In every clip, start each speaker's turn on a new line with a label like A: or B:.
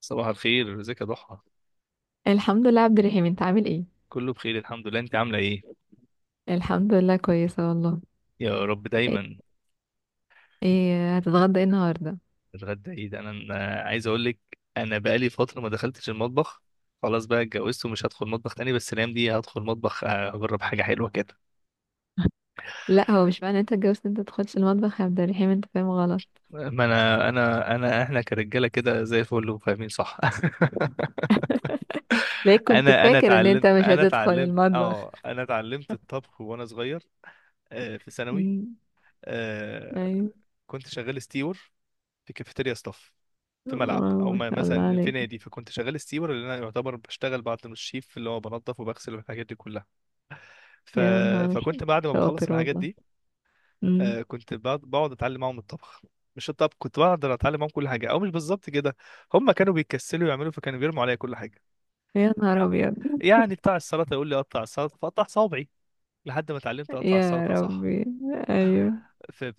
A: صباح الخير، ازيك يا ضحى؟
B: الحمد لله. عبد الرحيم، انت عامل ايه؟
A: كله بخير الحمد لله، انت عامله ايه؟
B: الحمد لله، كويسه والله.
A: يا رب
B: ايه؟
A: دايما.
B: ايه هتتغدى ايه النهارده؟
A: الغدا ايه ده؟ أنا عايز اقول لك، انا بقالي فتره ما دخلتش المطبخ. خلاص بقى اتجوزت ومش هدخل مطبخ تاني، بس الايام دي هدخل مطبخ اجرب حاجه حلوه كده.
B: لا، هو مش معنى انت اتجوزت انت تدخلش المطبخ يا عبد الرحيم. انت فاهم غلط.
A: ما انا انا انا احنا كرجاله كده زي الفل وفاهمين صح.
B: ليه كنت
A: انا انا
B: فاكر ان انت
A: اتعلمت
B: مش
A: انا
B: هتدخل
A: اتعلمت
B: المطبخ؟
A: اه انا اتعلمت الطبخ وانا صغير. في ثانوي.
B: امم.
A: آه،
B: ايوه.
A: كنت شغال ستيور في كافيتيريا ستاف، في ملعب
B: واو،
A: او
B: ما شاء الله
A: مثلا في
B: عليك.
A: نادي. فكنت شغال ستيور، اللي انا يعتبر بشتغل بعد ما الشيف اللي هو بنظف وبغسل والحاجات دي كلها. ف...
B: يا نهار
A: فكنت بعد ما بخلص
B: شاطر
A: الحاجات
B: والله.
A: دي،
B: امم.
A: كنت بقعد اتعلم معاهم الطبخ. مش الطبخ، كنت بقعد اتعلم معاهم كل حاجه، او مش بالظبط كده. هم كانوا بيكسلوا يعملوا، فكانوا بيرموا عليا كل حاجه.
B: يا نهار ابيض.
A: يعني بتاع السلطه يقول لي قطع السلطه، فاقطع صوابعي لحد ما اتعلمت اقطع
B: يا
A: السلطه صح.
B: ربي. ايوه.
A: في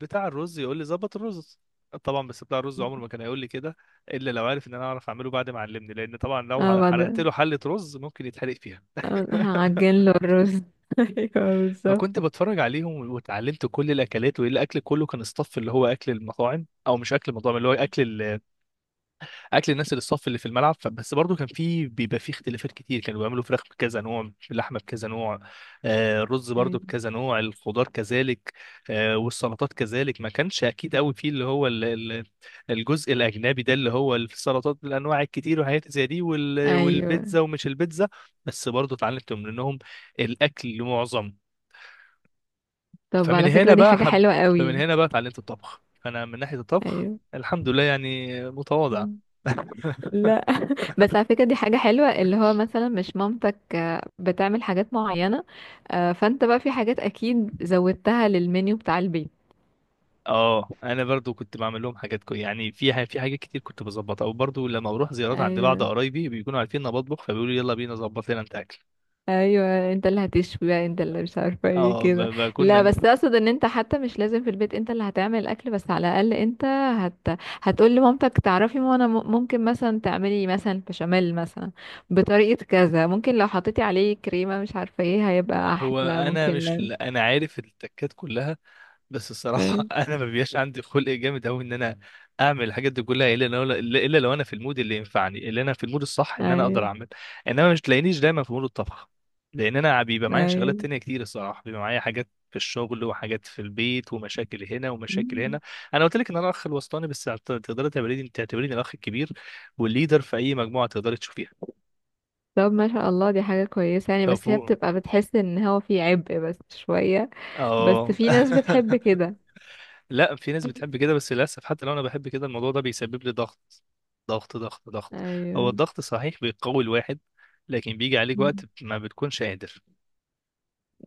A: بتاع الرز يقول لي ظبط الرز، طبعا بس بتاع الرز عمره ما كان هيقول لي كده الا لو عارف ان انا اعرف اعمله، بعد ما علمني، لان طبعا
B: اه،
A: لو حرقت
B: بعد.
A: له حله رز ممكن يتحرق فيها.
B: اه، هعجن له الرز ايوه بالظبط.
A: فكنت بتفرج عليهم واتعلمت كل الاكلات، والاكل كله كان اصطف اللي هو اكل المطاعم، او مش اكل المطاعم، اللي هو اكل اكل الناس اللي الصف اللي في الملعب. فبس برضو كان في بيبقى في اختلافات كتير، كانوا بيعملوا فراخ بكذا نوع، اللحمه بكذا نوع، الرز برضو
B: ايوه.
A: بكذا نوع، الخضار كذلك، والسلطات كذلك. ما كانش اكيد قوي فيه اللي هو الجزء الاجنبي ده اللي هو السلطات بالانواع الكتير وحاجات زي دي
B: أيوة.
A: والبيتزا ومش البيتزا. بس برضو اتعلمت منهم الاكل معظم.
B: طب،
A: فمن
B: على
A: هنا
B: فكرة، دي
A: بقى
B: حاجة
A: حب،
B: حلوة
A: فمن
B: قوي.
A: هنا بقى اتعلمت الطبخ. فانا من ناحيه الطبخ
B: ايوه.
A: الحمد لله يعني متواضع.
B: مم. لا، بس على فكرة، دي حاجة حلوة، اللي هو مثلا مش مامتك بتعمل حاجات معينة. فانت بقى في حاجات اكيد زودتها للمنيو بتاع البيت.
A: اه، انا برضو كنت بعمل لهم حاجات كو، يعني في في حاجات كتير كنت بظبطها. وبرضو لما بروح زيارات عند بعض
B: ايوه،
A: قرايبي بيكونوا عارفين ان انا بطبخ، فبيقولوا يلا بينا ظبط لنا انت اكل.
B: ايوه، انت اللي هتشوي بقى، انت اللي مش عارفة ايه
A: اه
B: كده. لا،
A: بكون،
B: بس اقصد ان انت حتى مش لازم في البيت انت اللي هتعمل الاكل، بس على الاقل انت هت... هتقول لمامتك تعرفي، ما انا ممكن مثلا تعملي مثلا بشاميل مثلا بطريقة كذا. ممكن لو حطيتي عليه كريمة مش عارفة ايه هيبقى
A: هو
B: احلى،
A: انا مش
B: ممكن.
A: انا عارف التكات كلها، بس
B: لا.
A: الصراحه انا ما بيبقاش عندي خلق جامد قوي ان انا اعمل الحاجات دي كلها الا لو انا في المود اللي ينفعني، اللي انا في المود الصح ان انا اقدر
B: ايوه،
A: اعمل. انما مش تلاقينيش دايما في مود الطبخ، لان انا بيبقى معايا شغلات
B: ايوه.
A: تانية كتير الصراحه، بيبقى معايا حاجات في الشغل وحاجات في البيت ومشاكل هنا ومشاكل
B: مم.
A: هنا. انا قلت لك ان انا الاخ الوسطاني، بس تقدري تعتبريني الاخ الكبير والليدر في اي مجموعه تقدري تشوفيها.
B: طب، ما شاء الله، دي حاجة كويسة يعني.
A: لو
B: بس هي
A: فوق،
B: بتبقى بتحس ان هو في عبء بس شوية. بس
A: اه.
B: في ناس بتحب كده.
A: لا، في ناس بتحب كده، بس للاسف حتى لو انا بحب كده الموضوع ده بيسبب لي ضغط، ضغط، ضغط، ضغط. هو
B: ايوه.
A: الضغط صحيح بيقوي الواحد، لكن بيجي عليك
B: مم.
A: وقت ما بتكونش قادر.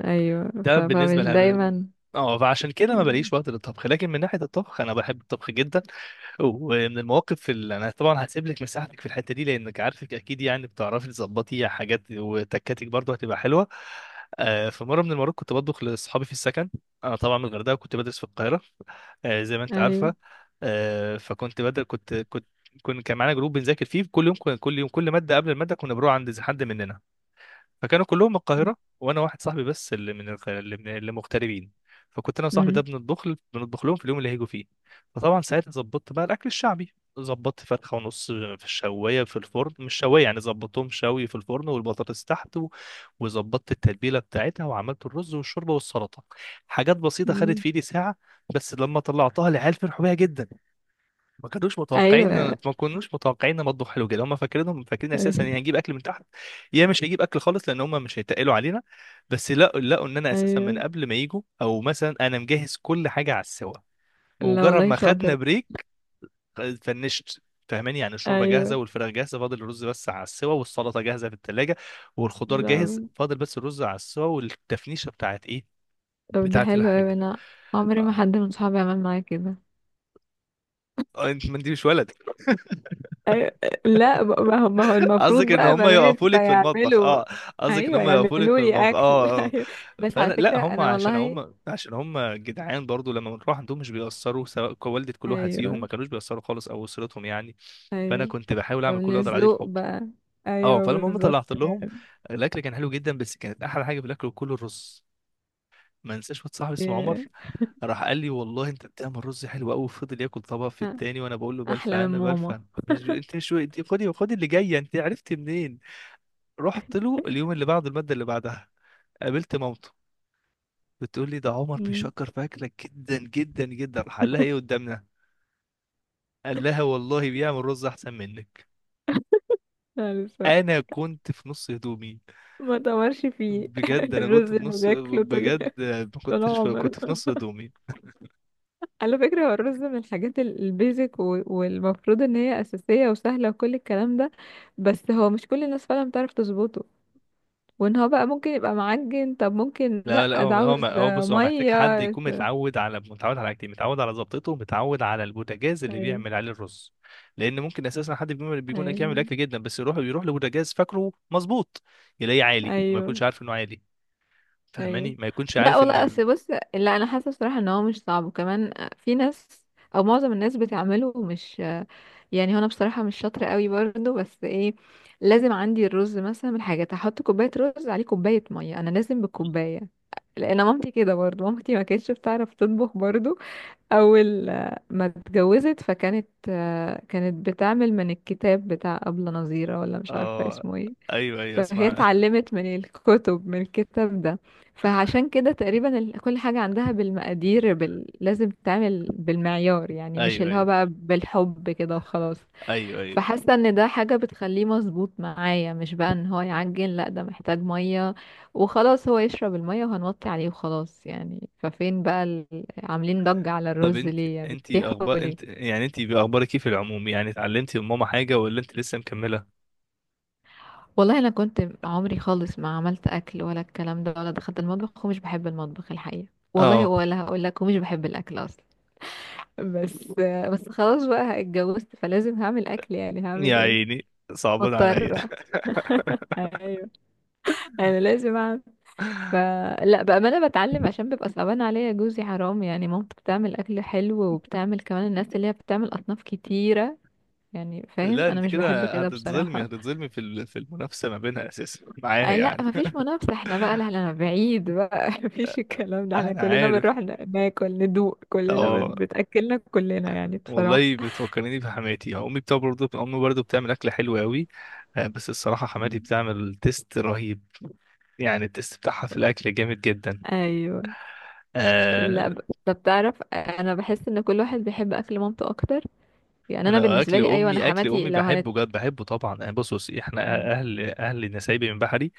B: ايوه،
A: ده بالنسبه
B: فمش
A: لها.
B: دايما.
A: اه، فعشان كده ما
B: مم.
A: بلاقيش وقت للطبخ، لكن من ناحيه الطبخ انا بحب الطبخ جدا. ومن المواقف اللي انا طبعا هسيب لك مساحتك في الحته دي لانك عارفك اكيد، يعني بتعرفي تظبطي حاجات وتكاتك برضه هتبقى حلوه. في مره من المرات كنت بطبخ لاصحابي في السكن. انا طبعا من الغردقه كنت بدرس في القاهره، زي ما انت عارفه.
B: ايوه.
A: فكنت بدل كنت كنت كنا كان معانا جروب بنذاكر فيه كل يوم، كل يوم كل ماده قبل الماده كنا بنروح عند حد مننا. فكانوا كلهم من القاهرة، وأنا واحد صاحبي بس اللي من اللي مغتربين. فكنت أنا وصاحبي ده
B: مم.
A: بنطبخ، بنطبخ لهم في اليوم اللي هيجوا فيه. فطبعا ساعتها ظبطت بقى الأكل الشعبي. ظبطت فرخة ونص في الشواية في الفرن، مش شواية يعني، ظبطتهم شوي في الفرن والبطاطس تحت وظبطت التتبيلة بتاعتها، وعملت الرز والشوربة والسلطة. حاجات بسيطة خدت
B: مم.
A: في إيدي ساعة. بس لما طلعتها العيال فرحوا بيها جدا، ما كانوش متوقعين.
B: ايوه،
A: ما كناش متوقعين ان مطبخ حلو كده. هم فاكرين اساسا
B: ايوه،
A: ان هنجيب اكل من تحت، يا مش هيجيب اكل خالص، لان هم مش هيتقلوا علينا. بس لا، لقوا ان انا اساسا من
B: ايوه.
A: قبل ما يجوا، او مثلا انا مجهز كل حاجه على السوا
B: لا
A: بمجرد
B: والله،
A: ما خدنا
B: شاطر.
A: بريك. فنشت، فاهماني، يعني الشوربه جاهزه
B: ايوه.
A: والفراخ جاهزه، فاضل الرز بس على السوا والسلطه جاهزه في الثلاجه، والخضار جاهز،
B: لا،
A: فاضل بس الرز على السوا والتفنيشه بتاعت ايه،
B: طب ده
A: بتاعت
B: حلو اوي.
A: الحاجه.
B: انا عمري ما
A: آه،
B: حد من صحابي عمل معايا كده.
A: انت ما انت مش ولد.
B: أيوة. لا، ما هو المفروض
A: قصدك ان
B: بقى
A: هم
B: بنات
A: يقفوا لك في المطبخ،
B: فيعملوا.
A: اه. قصدك ان
B: ايوه،
A: هم يقفوا لك
B: يعملوا
A: في
B: لي
A: المطبخ،
B: اكل
A: اه، اه.
B: ايوه. بس
A: فانا
B: على
A: لا،
B: فكره، انا والله.
A: هم عشان هم جدعان برضو، لما بنروح عندهم مش بيأثروا، سواء والدة كل واحد فيهم ما
B: ايوه،
A: كانوش بيأثروا خالص، او اسرتهم يعني. فانا
B: ايوه.
A: كنت بحاول اعمل كل
B: فمن
A: اللي اقدر عليه
B: الذوق
A: بحب.
B: بقى.
A: اه،
B: ايوه
A: فلما هم
B: بالظبط.
A: طلعت لهم الاكل كان حلو جدا، بس كانت احلى حاجه في الاكل كله الرز. ما انساش واحد صاحبي اسمه عمر
B: يا-
A: راح قال لي والله انت بتعمل رز حلو قوي، وفضل ياكل طبق في
B: ها.
A: التاني وانا بقول له بلفه
B: احلى من
A: انا
B: ماما.
A: بلفه. مش انت مش خدي، اللي جايه انت عرفتي منين. رحت له اليوم اللي بعده المادة اللي بعدها، قابلت مامته. بتقول لي ده عمر
B: مم.
A: بيشكر في أكلك جدا جدا جدا، حلها ايه قدامنا. قال لها والله بيعمل رز أحسن منك.
B: لا لسه.
A: أنا كنت في نص هدومي،
B: ما تمرش فيه
A: بجد أنا
B: الرز
A: كنت في
B: اللي
A: نص،
B: بياكله طول
A: بجد ما
B: طول
A: كنتش
B: عمره.
A: كنت في نص هدومي.
B: على فكره، هو الرز من الحاجات البيزك والمفروض ان هي اساسيه وسهله وكل الكلام ده. بس هو مش كل الناس فعلا بتعرف تظبطه. وان هو بقى ممكن يبقى معجن. طب ممكن،
A: لا
B: لا
A: لا،
B: ده
A: هو هو
B: عاوز
A: هو بص، هو محتاج
B: ميه.
A: حد يكون
B: ايوه،
A: متعود على متعود على حاجتين، متعود على ظبطته، ومتعود على البوتاجاز اللي بيعمل عليه الرز. لان ممكن اساسا حد
B: ايوه،
A: يعمل اكل جدا، بس يروح لبوتاجاز فاكره مظبوط، يلاقيه عالي وما
B: ايوه،
A: يكونش عارف انه عالي.
B: ايوه.
A: فاهماني، ما يكونش
B: لا
A: عارف ان
B: والله، اصل بص، لا. انا حاسه بصراحه ان هو مش صعب، وكمان في ناس. او معظم الناس بتعمله، مش. يعني هو انا بصراحه مش شاطره قوي برضو، بس ايه. لازم عندي الرز مثلا من حاجه، احط كوبايه رز عليه كوبايه ميه. انا لازم بالكوبايه. لان مامتي كده برضو، مامتي ما كانتش بتعرف تطبخ برضو. اول ما اتجوزت فكانت آه، كانت بتعمل من الكتاب بتاع أبلة نظيرة، ولا مش عارفة
A: اه،
B: اسمه ايه.
A: ايوه، ايوه،
B: فهي
A: اسمع.
B: اتعلمت من الكتاب ده. فعشان كده تقريبا كل حاجة عندها بالمقادير، لازم تتعمل بالمعيار، يعني مش
A: ايوه،
B: اللي هو
A: ايوه،
B: بقى بالحب كده وخلاص.
A: ايوه، ايوه،
B: فحاسه ان ده حاجه بتخليه مظبوط معايا، مش بقى ان هو يعجن، لا ده محتاج ميه وخلاص. هو يشرب الميه وهنوطي عليه وخلاص يعني. ففين بقى عاملين ضجة على
A: طب
B: الرز
A: انت،
B: ليه، يا بتسيحوا
A: اخبار انت
B: ليه؟
A: يعني، انت باخبارك ايه في العموم؟ يعني اتعلمتي من ماما حاجه ولا انت لسه مكمله؟
B: والله انا كنت عمري خالص ما عملت اكل ولا الكلام ده، ولا دخلت المطبخ، ومش بحب المطبخ الحقيقه. والله،
A: اه،
B: ولا هقول لك، ومش بحب الاكل اصلا. بس بس خلاص بقى اتجوزت، فلازم هعمل اكل يعني.
A: يا
B: هعمل ايه؟
A: عيني، صعبان عليا.
B: مضطرة ايوه. انا لازم اعمل. ف لا، بأمانة بتعلم عشان بيبقى صعبان عليا جوزي، حرام. يعني مامته بتعمل أكل حلو، وبتعمل كمان الناس اللي هي بتعمل أصناف كتيرة. يعني فاهم،
A: لا
B: أنا
A: انت
B: مش بحب
A: كده
B: كده بصراحة.
A: هتتظلمي في في المنافسه ما بينها اساسا معايا
B: أه لا،
A: يعني.
B: مفيش منافسة. احنا بقى لا احنا بعيد بقى مفيش الكلام ده. احنا
A: انا
B: كلنا
A: عارف،
B: بنروح ناكل، ندوق كلنا،
A: اه.
B: بتأكلنا كلنا يعني بصراحة.
A: والله بتفكرني بحماتي، امي بتاع برضه، امي برضه بتعمل اكل حلو قوي. بس الصراحه حماتي بتعمل تيست رهيب، يعني التيست بتاعها في الاكل جامد جدا.
B: أيوه.
A: آه،
B: لا، طب تعرف، أنا بحس إن كل واحد بيحب أكل مامته أكتر. يعني أنا
A: انا
B: بالنسبة لي، أيوه، أنا
A: اكل
B: حماتي
A: امي
B: لو هنت.
A: بحبه جد، بحبه طبعا يعني. بص، بص، احنا اهل نسايبي من بحري،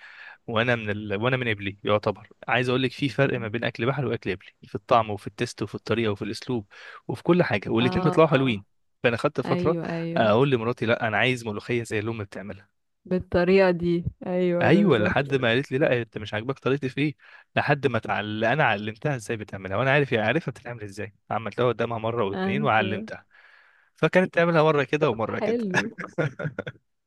A: وانا من وانا من قبلي يعتبر. عايز اقول لك، في فرق ما بين اكل بحري واكل قبلي، في الطعم وفي التست وفي الطريقه وفي الاسلوب وفي كل حاجه، والاتنين
B: اه.
A: بيطلعوا
B: آه.
A: حلوين. فانا خدت فتره
B: ايوه، ايوه،
A: اقول لمراتي لا انا عايز ملوخيه زي اللي امي بتعملها.
B: بالطريقه دي، ايوه
A: ايوه،
B: بالظبط.
A: لحد ما قالت لي لا انت مش عاجباك طريقتي في ايه. لحد ما انا علمتها ازاي بتعملها، وانا عارف هي عارفها بتتعمل ازاي، عملتها قدامها مره واثنين
B: ايوه.
A: وعلمتها. فكانت تعملها مره كده
B: طب
A: ومره كده.
B: حلو.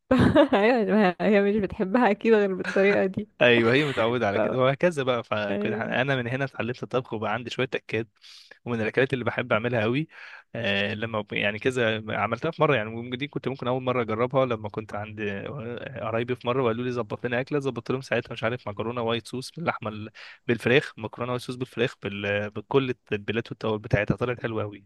B: ايوه، ما هي مش بتحبها اكيد غير بالطريقه دي.
A: ايوه، هي متعوده
B: ف...
A: على كده وهكذا بقى. فكنت
B: أيوة.
A: انا من هنا اتعلمت الطبخ، وبقى عندي شويه تكات. ومن الاكلات اللي بحب اعملها قوي، آه لما يعني كذا عملتها في مره، يعني دي كنت ممكن اول مره اجربها، لما كنت عند قرايبي في مره وقالوا لي ظبط لنا اكله. ظبطت لهم ساعتها مش عارف، مكرونه وايت صوص باللحمه بالفراخ. مكرونه وايت صوص بالفراخ بكل التتبيلات والتوابل بتاعتها، طلعت حلوه قوي.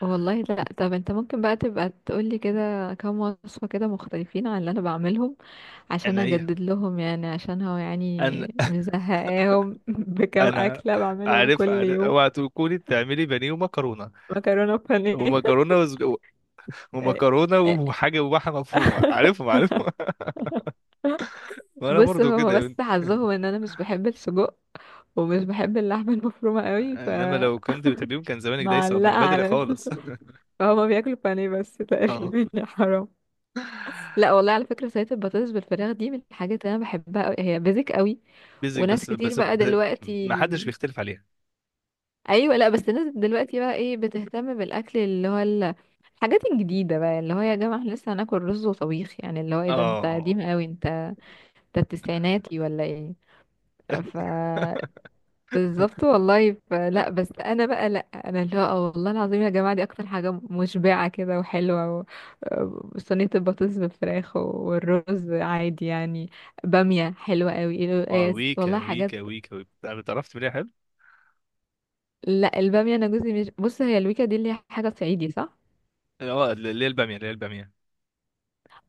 B: والله، لا، طب انت ممكن بقى تبقى تقولي كده كام وصفه كده مختلفين عن اللي انا بعملهم. عشان
A: انا ايه؟
B: اجدد لهم يعني، عشان هو
A: انا
B: يعني مزهقاهم بكام
A: انا
B: اكله بعملهم كل
A: عارف،
B: يوم.
A: اوعى تكوني بتعملي بانيه
B: مكرونه بانيه
A: ومكرونه
B: إيه.
A: ومكرونه وحاجه وبحه مفرومه، عارفهم. وانا
B: بص،
A: برضو
B: هو
A: كده يا
B: بس
A: بنت.
B: حظهم ان انا مش بحب السجق. ومش بحب اللحمه المفرومه قوي.
A: انما لو كنت بتحبيهم كان زمانك دايسه
B: فمعلقه
A: من بدري
B: على
A: خالص.
B: فهما بياكلوا بانيه بس
A: اه،
B: تقريبا يا حرام. لا والله، على فكره، سلطه البطاطس بالفراخ دي من الحاجات اللي انا بحبها قوي. هي بيزك قوي.
A: بيزك
B: وناس
A: بس،
B: كتير بقى دلوقتي.
A: ما حدش بيختلف عليها.
B: ايوه، لا بس الناس دلوقتي بقى ايه بتهتم بالاكل، اللي هو الحاجات الجديده بقى. اللي هو يا جماعه احنا لسه هناكل رز وطبيخ يعني؟ اللي هو ايه ده، انت
A: اه،
B: قديم قوي انت. انت التسعيناتي ولا ايه؟ ف بالظبط والله. لا، بس انا بقى لا انا اللي هو والله العظيم يا جماعه، دي اكتر حاجه مشبعه كده وحلوه صينيه البطاطس بالفراخ والرز عادي يعني. باميه حلوه قوي،
A: اه،
B: القلقاس،
A: ويكا،
B: والله حاجات.
A: ويكا، ويكا، ويكا، انا اتعرفت منها، حلو.
B: لا الباميه انا جوزي مش، بص، هي الويكا دي اللي هي حاجه صعيدي صح؟
A: اه، اللي هي الباميه، اللي هي الباميه.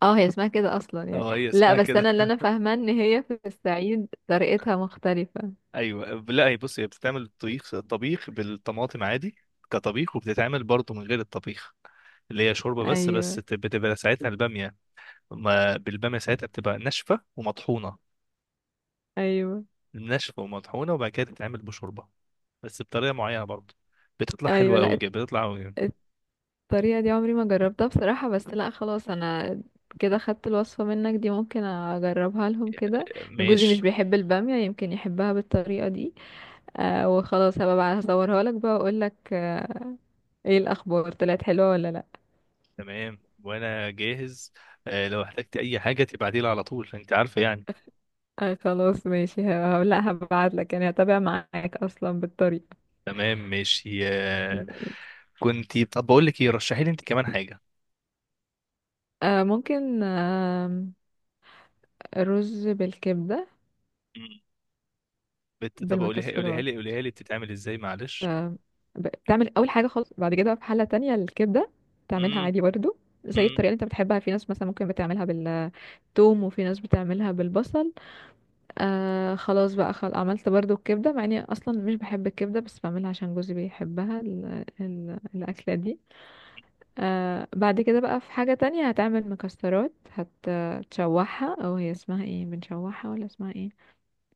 B: اه، هي اسمها كده اصلا يعني.
A: اه، هي
B: لا،
A: اسمها
B: بس
A: كده.
B: انا اللي انا فاهمه ان هي في الصعيد طريقتها مختلفه.
A: ايوه لا، هي بص، هي بتتعمل طبيخ، طبيخ بالطماطم عادي كطبيخ، وبتتعمل برضه من غير الطبيخ اللي هي شوربه بس. بس
B: ايوه،
A: بتبقى ساعتها الباميه، ما بالبامية ساعتها بتبقى ناشفة ومطحونة،
B: ايوه،
A: ناشفة ومطحونة، وبعد كده تتعمل بشوربة بس بطريقة معينة برضه. بتطلع
B: ايوه.
A: حلوة أوي
B: لا،
A: جدا، بتطلع أوي.
B: الطريقة دي عمري ما جربتها بصراحة، بس لا خلاص انا كده خدت الوصفة منك دي، ممكن اجربها لهم كده. إن جوزي
A: ماشي،
B: مش بيحب البامية، يمكن يحبها بالطريقة دي. وخلاص هبقى بقى هصورها لك بقى واقول لك آه. ايه الاخبار، طلعت حلوة ولا لا؟
A: تمام، وأنا جاهز. لو احتجت أي حاجة تبعتيلي على طول، أنت عارفة يعني.
B: خلاص ماشي لا هبعت لك يعني، هتابع معاك اصلا بالطريقة.
A: تمام ماشي. كنت طب بقول لك إيه، رشحي لي أنت كمان حاجة.
B: آه، ممكن. آه. رز بالكبدة
A: مم. طب قوليها، قوليها
B: بالمكسرات.
A: لي، قوليها لي بتتعمل إزاي، معلش.
B: آه، بتعمل اول حاجه خالص، بعد كده في حله تانية الكبده بتعملها
A: مم.
B: عادي برضو. زي
A: مم.
B: الطريقه اللي انت بتحبها. في ناس مثلا ممكن بتعملها بالثوم، وفي ناس بتعملها بالبصل. خلاص بقى عملت برضو الكبده، مع اني اصلا مش بحب الكبده بس بعملها عشان جوزي بيحبها، الاكله دي. بعد كده بقى في حاجه تانية، هتعمل مكسرات. هتشوحها، او هي اسمها ايه، بنشوحها ولا اسمها ايه؟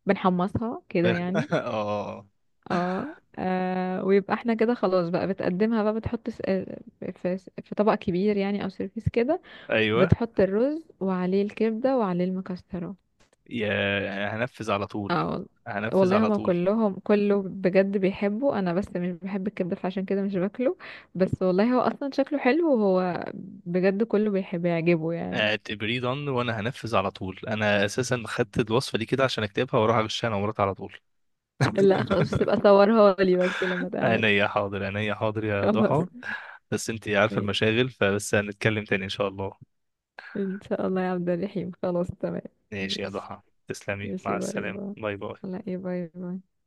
B: بنحمصها كده يعني.
A: آه،
B: اه. ويبقى احنا كده خلاص بقى، بتقدمها بقى، بتحط في طبق كبير يعني، او سيرفيس كده.
A: أيوه،
B: بتحط الرز وعليه الكبدة وعليه المكسرات.
A: يا هنفذ على طول،
B: اه
A: هنفذ
B: والله
A: على
B: هما
A: طول.
B: كلهم كله بجد بيحبه، انا بس مش بحب الكبدة فعشان كده مش باكله. بس والله هو اصلا شكله حلو، وهو بجد كله بيحبه يعجبه يعني.
A: اعتبريه done وانا هنفذ على طول، انا اساسا خدت الوصفه دي كده عشان اكتبها واروح اغشها انا ومراتي على طول.
B: لا خلاص، تبقى صورها لي بس لما تعمل.
A: عينيا حاضر، عينيا حاضر، يا
B: خلاص
A: ضحى. بس انت عارفه
B: ماشي.
A: المشاغل، فبس هنتكلم تاني ان شاء الله.
B: ان شاء الله يا عبد الرحيم، خلاص تمام.
A: ماشي يا
B: ماشي.
A: ضحى، تسلمي،
B: ماشي،
A: مع
B: باي
A: السلامه،
B: باي.
A: باي باي.
B: لا ايه، باي باي.